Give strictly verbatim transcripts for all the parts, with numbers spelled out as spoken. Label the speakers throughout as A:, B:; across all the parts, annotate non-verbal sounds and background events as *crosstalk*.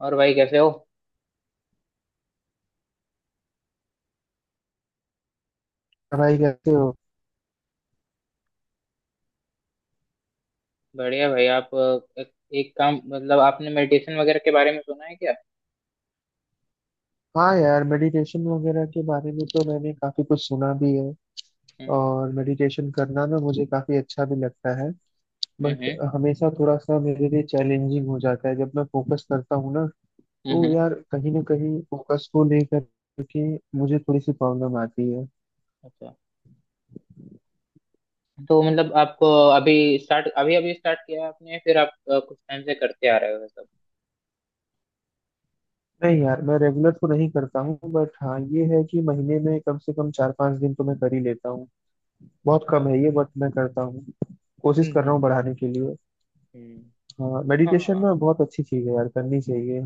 A: और भाई कैसे हो?
B: भाई कैसे हो।
A: बढ़िया भाई। आप अ, एक, एक काम, मतलब आपने मेडिटेशन वगैरह के बारे में सुना है क्या?
B: हाँ यार, मेडिटेशन वगैरह के बारे में तो मैंने काफी कुछ सुना भी है।
A: हम्म,
B: और मेडिटेशन करना ना मुझे काफी अच्छा भी लगता है, बट
A: हम्म,
B: हमेशा थोड़ा सा मेरे लिए चैलेंजिंग हो जाता है जब मैं फोकस करता हूँ ना।
A: हम्म,
B: तो
A: हम्म।
B: यार कहीं ना कहीं फोकस को लेकर के मुझे थोड़ी सी प्रॉब्लम आती है।
A: अच्छा। तो मतलब आपको अभी स्टार्ट अभी अभी स्टार्ट किया है आपने, या फिर आप अ, कुछ टाइम से करते आ रहे हो ये सब?
B: नहीं यार, मैं रेगुलर तो नहीं करता हूँ, बट हाँ ये है कि महीने में कम से कम चार पांच दिन तो मैं कर ही लेता हूँ। बहुत कम
A: अच्छा।
B: है ये, बट मैं करता हूँ, कोशिश
A: हम्म,
B: कर रहा
A: हम्म,
B: हूँ बढ़ाने के लिए।
A: हम्म।
B: हाँ,
A: हाँ
B: मेडिटेशन
A: हाँ।
B: ना बहुत अच्छी चीज है यार, करनी चाहिए।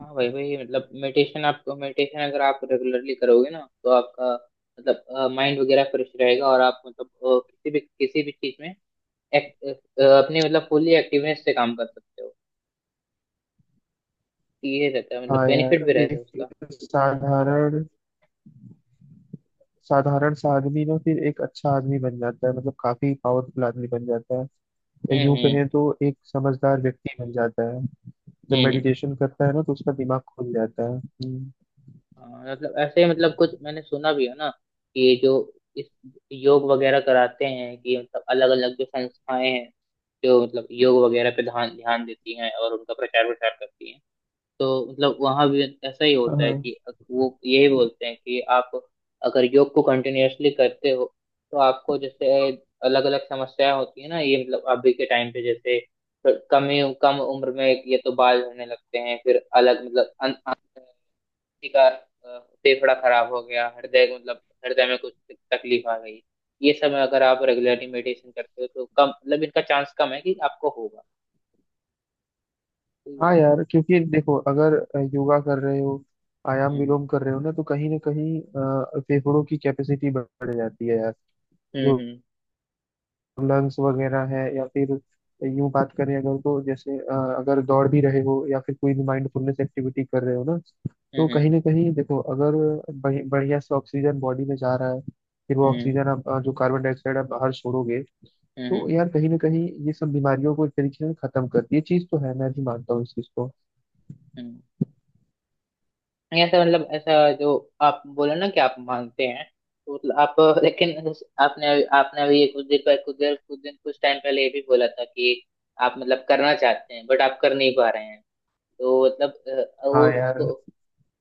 A: हाँ भाई भाई, मतलब मेडिटेशन, आप मेडिटेशन अगर आप रेगुलरली करोगे ना तो आपका मतलब माइंड वगैरह फ्रेश रहेगा, और आप मतलब अ, किसी भी किसी भी चीज में एक, अ, अपनी मतलब फुल्ली एक्टिवनेस से काम कर सकते हो। ये रहता है
B: हाँ
A: मतलब,
B: यार,
A: बेनिफिट भी रहता है
B: एक
A: उसका।
B: साधारण साधारण सा आदमी ना फिर एक अच्छा आदमी बन जाता है, मतलब काफी पावरफुल आदमी बन जाता है।
A: हम्म,
B: यूं
A: हम्म,
B: कहें तो एक समझदार व्यक्ति बन जाता है जब
A: हम्म।
B: मेडिटेशन करता है ना, तो उसका दिमाग खुल जाता है। हम्म,
A: हाँ, मतलब ऐसे ही मतलब कुछ मैंने सुना भी है ना कि ये जो इस योग वगैरह कराते हैं, कि मतलब अलग अलग जो संस्थाएं हैं जो मतलब योग वगैरह पे ध्यान ध्यान देती हैं और उनका प्रचार प्रसार करती हैं, तो मतलब वहां भी ऐसा ही होता है
B: हाँ।
A: कि वो यही बोलते हैं कि आप अगर योग को कंटिन्यूअसली करते हो तो आपको जैसे अलग अलग समस्याएं होती है ना। ये मतलब अभी के टाइम पे जैसे कम ही कम उम्र में ये तो बाल झड़ने लगते हैं, फिर अलग मतलब अन, अन, किसी का अ, फेफड़ा खराब हो गया, हृदय मतलब हृदय में कुछ तकलीफ आ गई। ये सब अगर आप रेगुलरली मेडिटेशन करते हो तो कम मतलब इनका चांस कम है कि आपको होगा।
B: हाँ यार, क्योंकि देखो, अगर योगा कर रहे हो, आयाम
A: हम्म,
B: विलोम कर रहे हो ना, तो कहीं ना कहीं अ, फेफड़ों की कैपेसिटी बढ़ जाती है यार।
A: हम्म,
B: जो
A: हम्म,
B: लंग्स वगैरह है, या फिर यूं बात करें अगर, तो जैसे अ, अगर दौड़ भी रहे हो या फिर कोई भी माइंडफुलनेस एक्टिविटी कर रहे हो ना, तो
A: हम्म,
B: कहीं ना कहीं देखो, अगर बढ़ि- बढ़िया से ऑक्सीजन बॉडी में जा रहा है, फिर वो
A: हम्म,
B: ऑक्सीजन आप, अ, जो कार्बन डाइऑक्साइड आप बाहर छोड़ोगे,
A: हम्म, हम्म।
B: तो यार कहीं ना कहीं ये सब बीमारियों को एक तरीके से खत्म करती है। ये चीज तो है, मैं भी मानता हूँ इस चीज को।
A: हम्म। नहीं, ऐसा मतलब ऐसा जो आप बोले ना कि आप मानते हैं, तो मतलब आप, लेकिन उस- आपने आपने अभी ये कुछ देर पहले कुछ देर कुछ दिन कुछ टाइम पहले ये भी बोला था कि आप मतलब करना चाहते हैं बट आप कर नहीं पा रहे हैं, तो मतलब अ, वो
B: हाँ यार।
A: उसको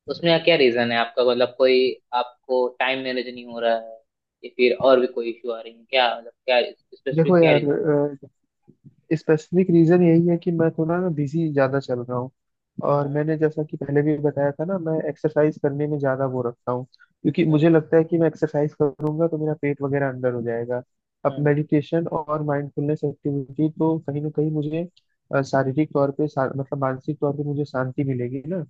A: उसमें क्या रीजन है आपका? मतलब कोई आपको टाइम मैनेज नहीं हो रहा है, या फिर और भी कोई इशू आ रही है क्या? मतलब क्या
B: देखो
A: स्पेसिफिक क्या
B: यार,
A: रीजन?
B: स्पेसिफिक रीजन यही है कि मैं थोड़ा ना बिजी ज्यादा चल रहा हूँ। और
A: हम्म,
B: मैंने जैसा कि पहले भी बताया था ना, मैं एक्सरसाइज करने में ज्यादा वो रखता हूँ, क्योंकि मुझे
A: हम्म,
B: लगता है कि मैं एक्सरसाइज करूंगा तो मेरा पेट वगैरह अंदर हो जाएगा। अब
A: हम्म,
B: मेडिटेशन और माइंडफुलनेस एक्टिविटी तो कहीं ना कहीं मुझे अ, शारीरिक तौर पे शा- मतलब मानसिक तौर पे मुझे शांति मिलेगी ना।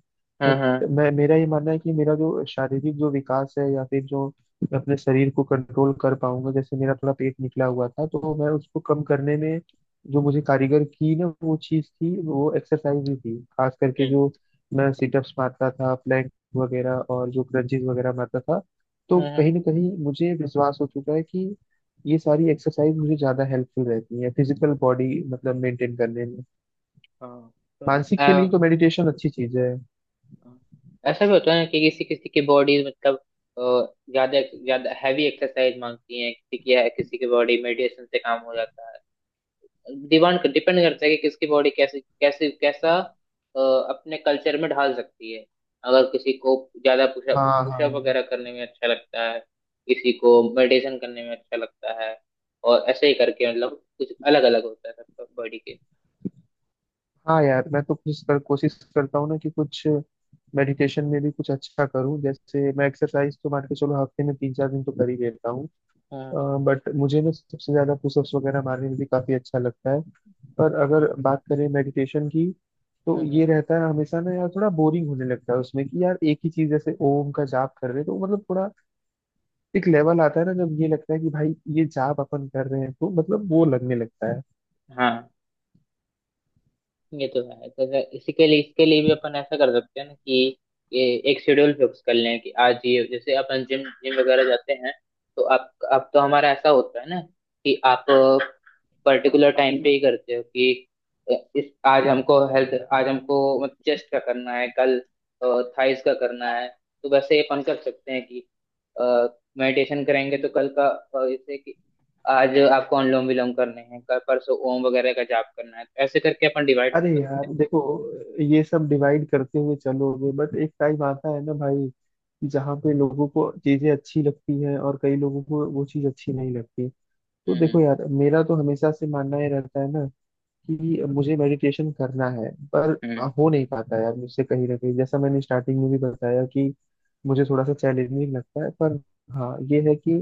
B: बट
A: हम्म, हम्म,
B: मैं, मेरा ये मानना है कि मेरा जो शारीरिक जो विकास है, या फिर जो मैं अपने शरीर को कंट्रोल कर पाऊंगा, जैसे मेरा थोड़ा पेट निकला हुआ था तो मैं उसको कम करने में जो मुझे कारीगर की ना वो चीज थी, वो एक्सरसाइज ही थी। खास करके जो मैं सिटअप्स मारता था, प्लैंक वगैरह और जो क्रंचेस वगैरह मारता था, तो
A: हम्म,
B: कहीं ना कहीं मुझे विश्वास हो चुका है कि ये सारी एक्सरसाइज मुझे ज्यादा हेल्पफुल रहती है फिजिकल बॉडी मतलब मेंटेन करने में।
A: हम्म। हाँ
B: मानसिक के लिए
A: तो
B: तो मेडिटेशन अच्छी चीज है।
A: हाँ। ऐसा भी होता है ना कि किसी किसी की बॉडी मतलब अ, ज्यादा ज्यादा हैवी एक्सरसाइज मांगती है, किसी की किसी की बॉडी मेडिटेशन से काम हो जाता है। डिपेंड डिपेंड करता है कि किसकी बॉडी कैसे कैसे कैसा अ, अपने कल्चर में ढाल सकती है। अगर किसी को ज्यादा पुशअप
B: हाँ हाँ।
A: पुशअप वगैरह करने में अच्छा लगता है, किसी को मेडिटेशन करने में अच्छा लगता है, और ऐसे ही करके मतलब कुछ अलग अलग होता है सबका बॉडी के।
B: हाँ यार, मैं तो कुछ कर, कोशिश करता हूँ ना कि कुछ मेडिटेशन में भी कुछ अच्छा करूँ। जैसे मैं एक्सरसाइज तो मान के चलो हफ्ते में तीन चार दिन तो कर ही लेता हूँ,
A: हाँ।
B: बट मुझे ना सबसे ज्यादा पुशअप्स वगैरह मारने में भी काफी अच्छा लगता है। पर अगर
A: हम्म,
B: बात करें मेडिटेशन की, तो ये
A: हम्म,
B: रहता है हमेशा ना यार, थोड़ा बोरिंग होने लगता है उसमें कि यार एक ही चीज, जैसे ओम का जाप कर रहे हैं तो मतलब थोड़ा एक लेवल आता है ना, जब ये लगता है कि भाई ये जाप अपन कर रहे हैं तो मतलब वो
A: हम्म।
B: लगने लगता है।
A: हाँ ये तो है। तो जैसे इसी के लिए इसके लिए भी अपन ऐसा कर सकते हैं ना कि ये एक शेड्यूल फिक्स कर लें कि आज ये जैसे अपन जिम जिम वगैरह जाते हैं, तो आप अब तो हमारा ऐसा होता है ना कि आप पर्टिकुलर टाइम पे ही करते हो कि इस आज हमको हेल्थ आज हमको मतलब चेस्ट का करना है, कल थाइस का करना है, तो वैसे ही अपन कर सकते हैं कि मेडिटेशन करेंगे तो कल का अ, जैसे कि आज आपको अनुलोम विलोम करने हैं, कल परसों ओम वगैरह का जाप करना है, ऐसे करके अपन डिवाइड कर
B: अरे
A: सकते हैं।
B: यार देखो, ये सब डिवाइड करते हुए चलोगे, बट एक टाइम आता है ना भाई, जहाँ पे लोगों को चीजें अच्छी लगती हैं और कई लोगों को वो चीज अच्छी नहीं लगती। तो देखो
A: हम्म,
B: यार, मेरा तो हमेशा से मानना ये रहता है ना, कि मुझे मेडिटेशन करना है, पर
A: हम्म,
B: हो नहीं पाता यार मुझसे। कहीं ना कहीं, जैसा मैंने स्टार्टिंग में भी बताया कि मुझे थोड़ा सा चैलेंजिंग लगता है, पर हाँ ये है कि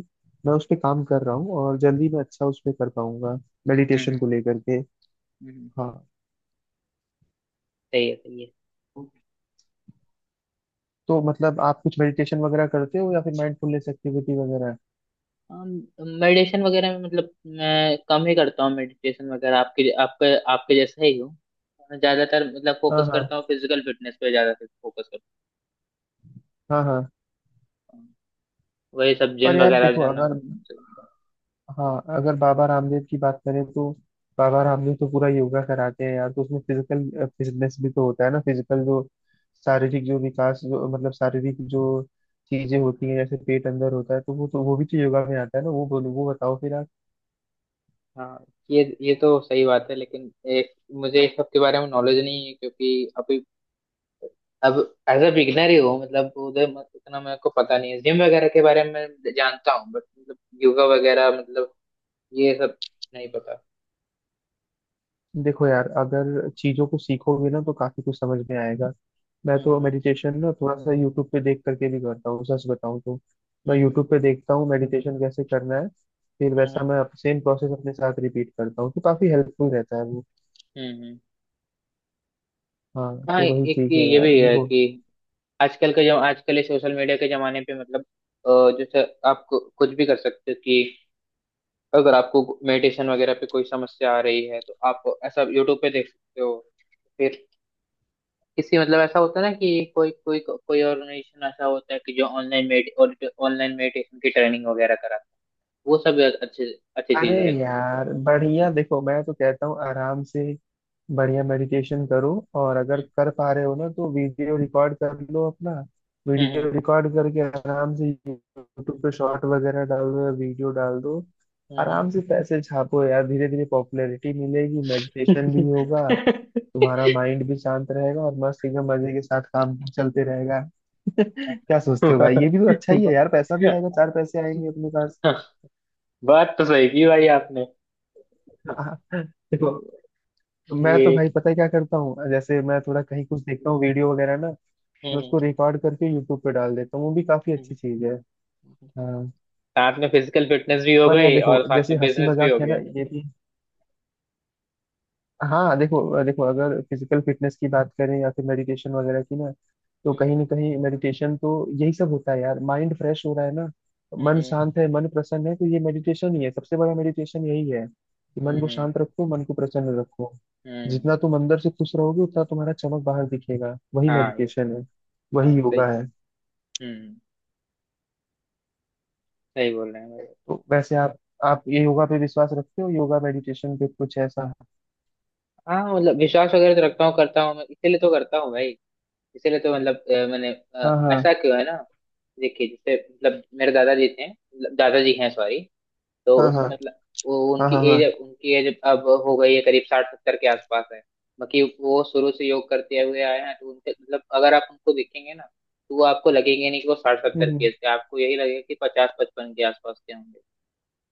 B: मैं उस पर काम कर रहा हूँ, और जल्दी मैं अच्छा उस पर कर पाऊंगा
A: हम्म,
B: मेडिटेशन
A: हम्म,
B: को लेकर के।
A: हम्म।
B: हाँ।
A: सही है, सही है।
B: तो मतलब आप कुछ मेडिटेशन वगैरह करते हो या फिर माइंडफुलनेस एक्टिविटी वगैरह?
A: मेडिटेशन वगैरह में मतलब मैं कम ही करता हूँ मेडिटेशन वगैरह, आपके आपके आपके जैसा ही हूँ। मैं ज्यादातर मतलब
B: हाँ
A: फोकस
B: हाँ।
A: करता हूँ, फिजिकल फिटनेस पे ज्यादा फोकस करता
B: हाँ हाँ।
A: हूँ, वही सब
B: पर
A: जिम
B: यार
A: वगैरह
B: देखो,
A: जाना।
B: अगर हाँ, अगर बाबा रामदेव की बात करें, तो बाबा रामदेव तो पूरा योगा कराते हैं यार। तो उसमें फिजिकल फिटनेस भी तो होता है ना, फिजिकल जो शारीरिक जो विकास जो मतलब शारीरिक जो चीजें होती हैं, जैसे पेट अंदर होता है, तो वो तो, वो भी तो योगा में आता है ना। वो बोलो, वो बताओ फिर।
A: हाँ, ये ये तो सही बात है, लेकिन एक मुझे इस सब के बारे में नॉलेज नहीं है, क्योंकि अभी अब एज अ बिगनर ही हूँ, मतलब उधर मत- इतना मेरे को पता नहीं है। जिम वगैरह के बारे में जानता हूँ, बट मतलब योगा वगैरह मतलब ये सब नहीं पता।
B: देखो यार, अगर चीजों को सीखोगे ना तो काफी कुछ समझ में आएगा। मैं तो
A: हम्म,
B: मेडिटेशन ना थोड़ा सा यूट्यूब पे देख करके भी करता हूँ, सच बताऊँ तो। मैं
A: हम्म,
B: यूट्यूब पे देखता हूँ मेडिटेशन कैसे करना है, फिर
A: हम्म,
B: वैसा
A: हम्म,
B: मैं सेम प्रोसेस अपने साथ रिपीट करता हूँ, तो काफी हेल्पफुल रहता है वो।
A: हम्म, हम्म।
B: हाँ
A: हाँ
B: तो वही
A: एक
B: चीज है
A: ये
B: यार,
A: भी है
B: देखो।
A: कि आजकल का जो आजकल ये सोशल मीडिया के जमाने पे मतलब अ, जैसे आप कु- कुछ भी कर सकते हो कि अगर आपको मेडिटेशन वगैरह पे कोई समस्या आ रही है तो आप ऐसा यूट्यूब पे देख सकते हो, किसी मतलब ऐसा होता है ना कि कोई कोई कोई ऑर्गेनाइजेशन ऐसा होता है कि जो ऑनलाइन मेडि और ऑनलाइन मेडिटेशन की ट्रेनिंग वगैरह कराता है। वो सब अच्छे अच्छी
B: अरे
A: चीजें रहती हैं।
B: यार बढ़िया, देखो मैं तो कहता हूँ आराम से बढ़िया मेडिटेशन करो, और अगर कर पा रहे हो ना तो वीडियो रिकॉर्ड कर लो अपना।
A: हम्म,
B: वीडियो रिकॉर्ड करके आराम से यूट्यूब पे शॉर्ट वगैरह डाल दो या वीडियो डाल दो।
A: हम्म,
B: आराम से पैसे छापो यार, धीरे धीरे पॉपुलैरिटी मिलेगी, मेडिटेशन भी
A: हम्म,
B: होगा, तुम्हारा माइंड भी शांत रहेगा, और मस्त एकदम मजे के साथ काम चलते रहेगा। *laughs* क्या सोचते हो भाई, ये भी तो अच्छा ही
A: हम्म।
B: है यार, पैसा भी आएगा, चार पैसे आएंगे अपने पास।
A: *laughs* बात तो सही की भाई आपने।
B: *laughs* हाँ, देखो, मैं तो
A: ये
B: भाई पता है क्या करता हूँ? जैसे मैं थोड़ा कहीं कुछ देखता हूँ वीडियो वगैरह ना, मैं
A: हम्म,
B: उसको रिकॉर्ड करके यूट्यूब पे डाल देता हूँ, वो भी काफी
A: हम्म,
B: अच्छी चीज है।
A: हम्म।
B: हाँ।
A: साथ में फिजिकल फिटनेस भी हो
B: पर यार
A: गई
B: देखो,
A: और साथ
B: जैसे
A: में
B: हंसी
A: बिजनेस भी हो
B: मजाक है ना
A: गया।
B: ये भी। हाँ देखो देखो, अगर फिजिकल फिटनेस की बात करें, या फिर मेडिटेशन वगैरह की ना, तो कहीं
A: हम्म,
B: ना कहीं मेडिटेशन तो यही सब होता है यार, माइंड फ्रेश हो रहा है ना। मन
A: हम्म,
B: शांत है, मन प्रसन्न है, तो ये मेडिटेशन ही है। सबसे बड़ा मेडिटेशन यही है कि
A: हम्म,
B: मन को
A: हम्म,
B: शांत रखो, मन को प्रसन्न रखो।
A: हम्म।
B: जितना तुम अंदर से खुश रहोगे, उतना तुम्हारा चमक बाहर दिखेगा। वही
A: हाँ ये
B: मेडिटेशन
A: तो।
B: है, वही
A: हाँ
B: योगा
A: सही।
B: है।
A: हम्म। सही बोल रहे हैं भाई।
B: तो वैसे आप आप ये योगा पे विश्वास रखते हो? योगा मेडिटेशन पे कुछ ऐसा?
A: हाँ मतलब विश्वास वगैरह तो रखता हूँ, करता हूँ मैं, इसीलिए तो करता हूँ भाई। इसीलिए तो मतलब अ, मैंने अ,
B: हाँ हाँ।
A: ऐसा क्यों है ना, देखिए जैसे मतलब मेरे दादाजी थे, मतलब दादाजी हैं सॉरी, तो
B: हाँ
A: उस
B: हाँ।
A: मतलब वो
B: हाँ
A: उनकी
B: हाँ हाँ।
A: एज उनकी एज अब हो गई है, करीब साठ सत्तर के आसपास है। बाकी वो शुरू से योग करते हुए आए हैं, तो उनके मतलब अगर आप उनको देखेंगे ना तो वो आपको लगेंगे नहीं कि वो साठ
B: हम्म
A: सत्तर के
B: हम्म।
A: थे, आपको यही लगेगा कि पचास पचपन के आसपास के होंगे।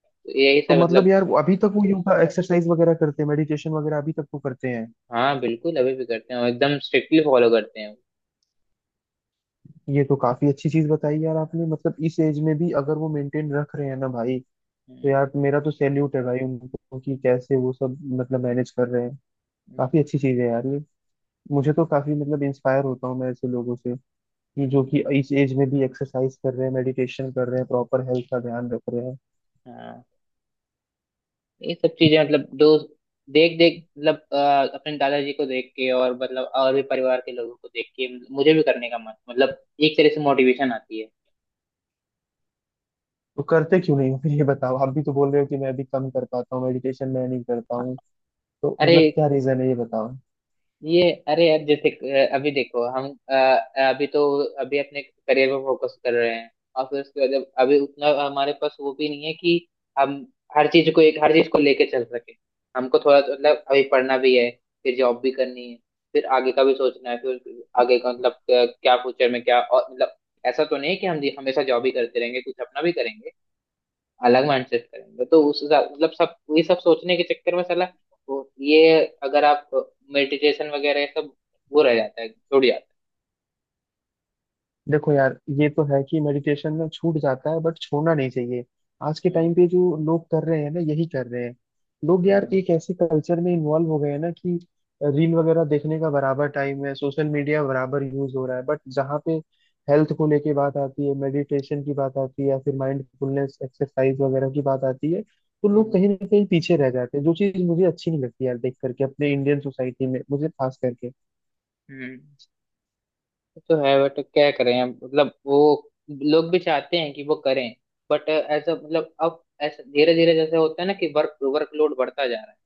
A: तो यही
B: तो
A: सब
B: मतलब
A: मतलब,
B: यार वो अभी तक वो योगा एक्सरसाइज वगैरह करते हैं, मेडिटेशन वगैरह अभी तक वो करते हैं?
A: हाँ बिल्कुल अभी भी करते हैं और एकदम स्ट्रिक्टली फॉलो करते हैं।
B: ये तो काफी अच्छी चीज बताई यार आपने। मतलब इस एज में भी अगर वो मेंटेन रख रहे हैं ना भाई, तो
A: हम्म,
B: यार मेरा तो सैल्यूट है भाई उनको, कि कैसे वो सब मतलब मैनेज कर रहे हैं।
A: हम्म।
B: काफी अच्छी चीज है यार ये। मुझे तो काफी मतलब इंस्पायर होता हूँ मैं ऐसे लोगों से, कि जो कि
A: हम्म।
B: इस एज में भी एक्सरसाइज कर रहे हैं, मेडिटेशन कर रहे हैं, प्रॉपर हेल्थ का ध्यान रख रहे हैं।
A: हाँ। ये सब चीजें मतलब दोस्त, देख देख मतलब अ, अपने दादाजी को देख के और मतलब और भी परिवार के लोगों को देख के मुझे भी करने का मन, मतलब एक तरह से मोटिवेशन आती है।
B: तो करते क्यों नहीं हो फिर, ये बताओ? आप भी तो बोल रहे हो कि मैं भी कम कर पाता हूँ मेडिटेशन, मैं नहीं करता
A: हाँ।
B: हूँ, तो
A: अरे
B: मतलब क्या रीजन है ये बताओ?
A: ये अरे यार जैसे अ, अभी देखो हम अ, अभी तो अभी अपने करियर पे फोकस कर रहे हैं, और फिर उसके बाद, जब अभी उतना हमारे पास वो भी नहीं है कि हम हर चीज को एक हर चीज को लेके चल सके। हमको थोड़ा मतलब अभी पढ़ना भी है, फिर जॉब भी करनी है, फिर आगे का भी सोचना है, फिर आगे का मतलब अ, क्या फ्यूचर में क्या, और मतलब ऐसा तो नहीं है कि हम हमेशा जॉब ही करते रहेंगे, कुछ अपना भी करेंगे, अलग माइंडसेट करेंगे। तो उस हिसाब- मतलब सब ये सब सोचने के चक्कर में साला वो ये अगर आप मेडिटेशन वगैरह ये सब वो रह जाता है, छूट जाता
B: देखो यार, ये तो है कि मेडिटेशन में छूट जाता है, बट छोड़ना नहीं चाहिए। आज के
A: है। हम्म,
B: टाइम पे जो लोग कर रहे हैं ना, यही कर रहे हैं। लोग यार
A: हम्म,
B: एक ऐसे कल्चर में इन्वॉल्व हो गए हैं ना, कि रील वगैरह देखने का बराबर टाइम है, सोशल मीडिया बराबर यूज हो रहा है, बट जहाँ पे हेल्थ को लेके बात आती है, मेडिटेशन की बात आती है, या फिर माइंडफुलनेस एक्सरसाइज वगैरह की बात आती है, तो लोग
A: हम्म,
B: कहीं ना कहीं पीछे रह जाते हैं। जो चीज़ मुझे अच्छी नहीं लगती यार, देख करके अपने इंडियन सोसाइटी में, मुझे खास करके।
A: हम्म। ये तो है, बट क्या करें अब मतलब, वो लोग भी चाहते हैं कि वो करें, बट ऐसा मतलब अब ऐसा धीरे धीरे जैसे होता है ना कि वर्क वर्कलोड बढ़ता जा रहा है,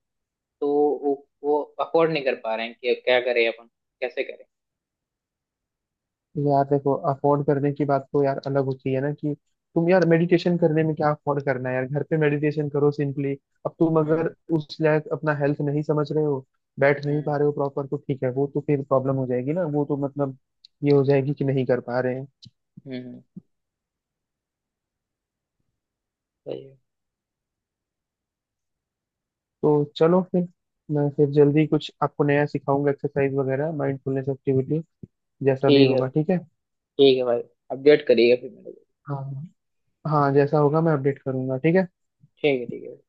A: तो वो वो अफोर्ड नहीं कर पा रहे हैं कि अब क्या करें अपन, कैसे करें।
B: यार देखो, अफोर्ड करने की बात तो यार अलग होती है ना। कि तुम, यार मेडिटेशन करने में क्या अफोर्ड करना है यार, घर पे मेडिटेशन करो सिंपली। अब तुम अगर
A: हम्म,
B: उस लायक अपना हेल्थ नहीं समझ रहे हो, बैठ नहीं
A: हम्म,
B: पा रहे हो प्रॉपर, तो ठीक है, वो तो फिर प्रॉब्लम हो जाएगी ना। वो तो
A: हम्म,
B: मतलब ये हो जाएगी कि नहीं कर पा रहे हैं।
A: हम्म। सही है।
B: तो चलो फिर, मैं फिर जल्दी कुछ आपको नया सिखाऊंगा, एक्सरसाइज वगैरह माइंडफुलनेस एक्टिविटी, जैसा भी
A: ठीक है।
B: होगा। ठीक है।
A: ठीक है भाई, अपडेट करिएगा फिर मेरे को।
B: हाँ, हाँ जैसा होगा मैं अपडेट करूंगा, ठीक है।
A: ठीक है, ठीक है।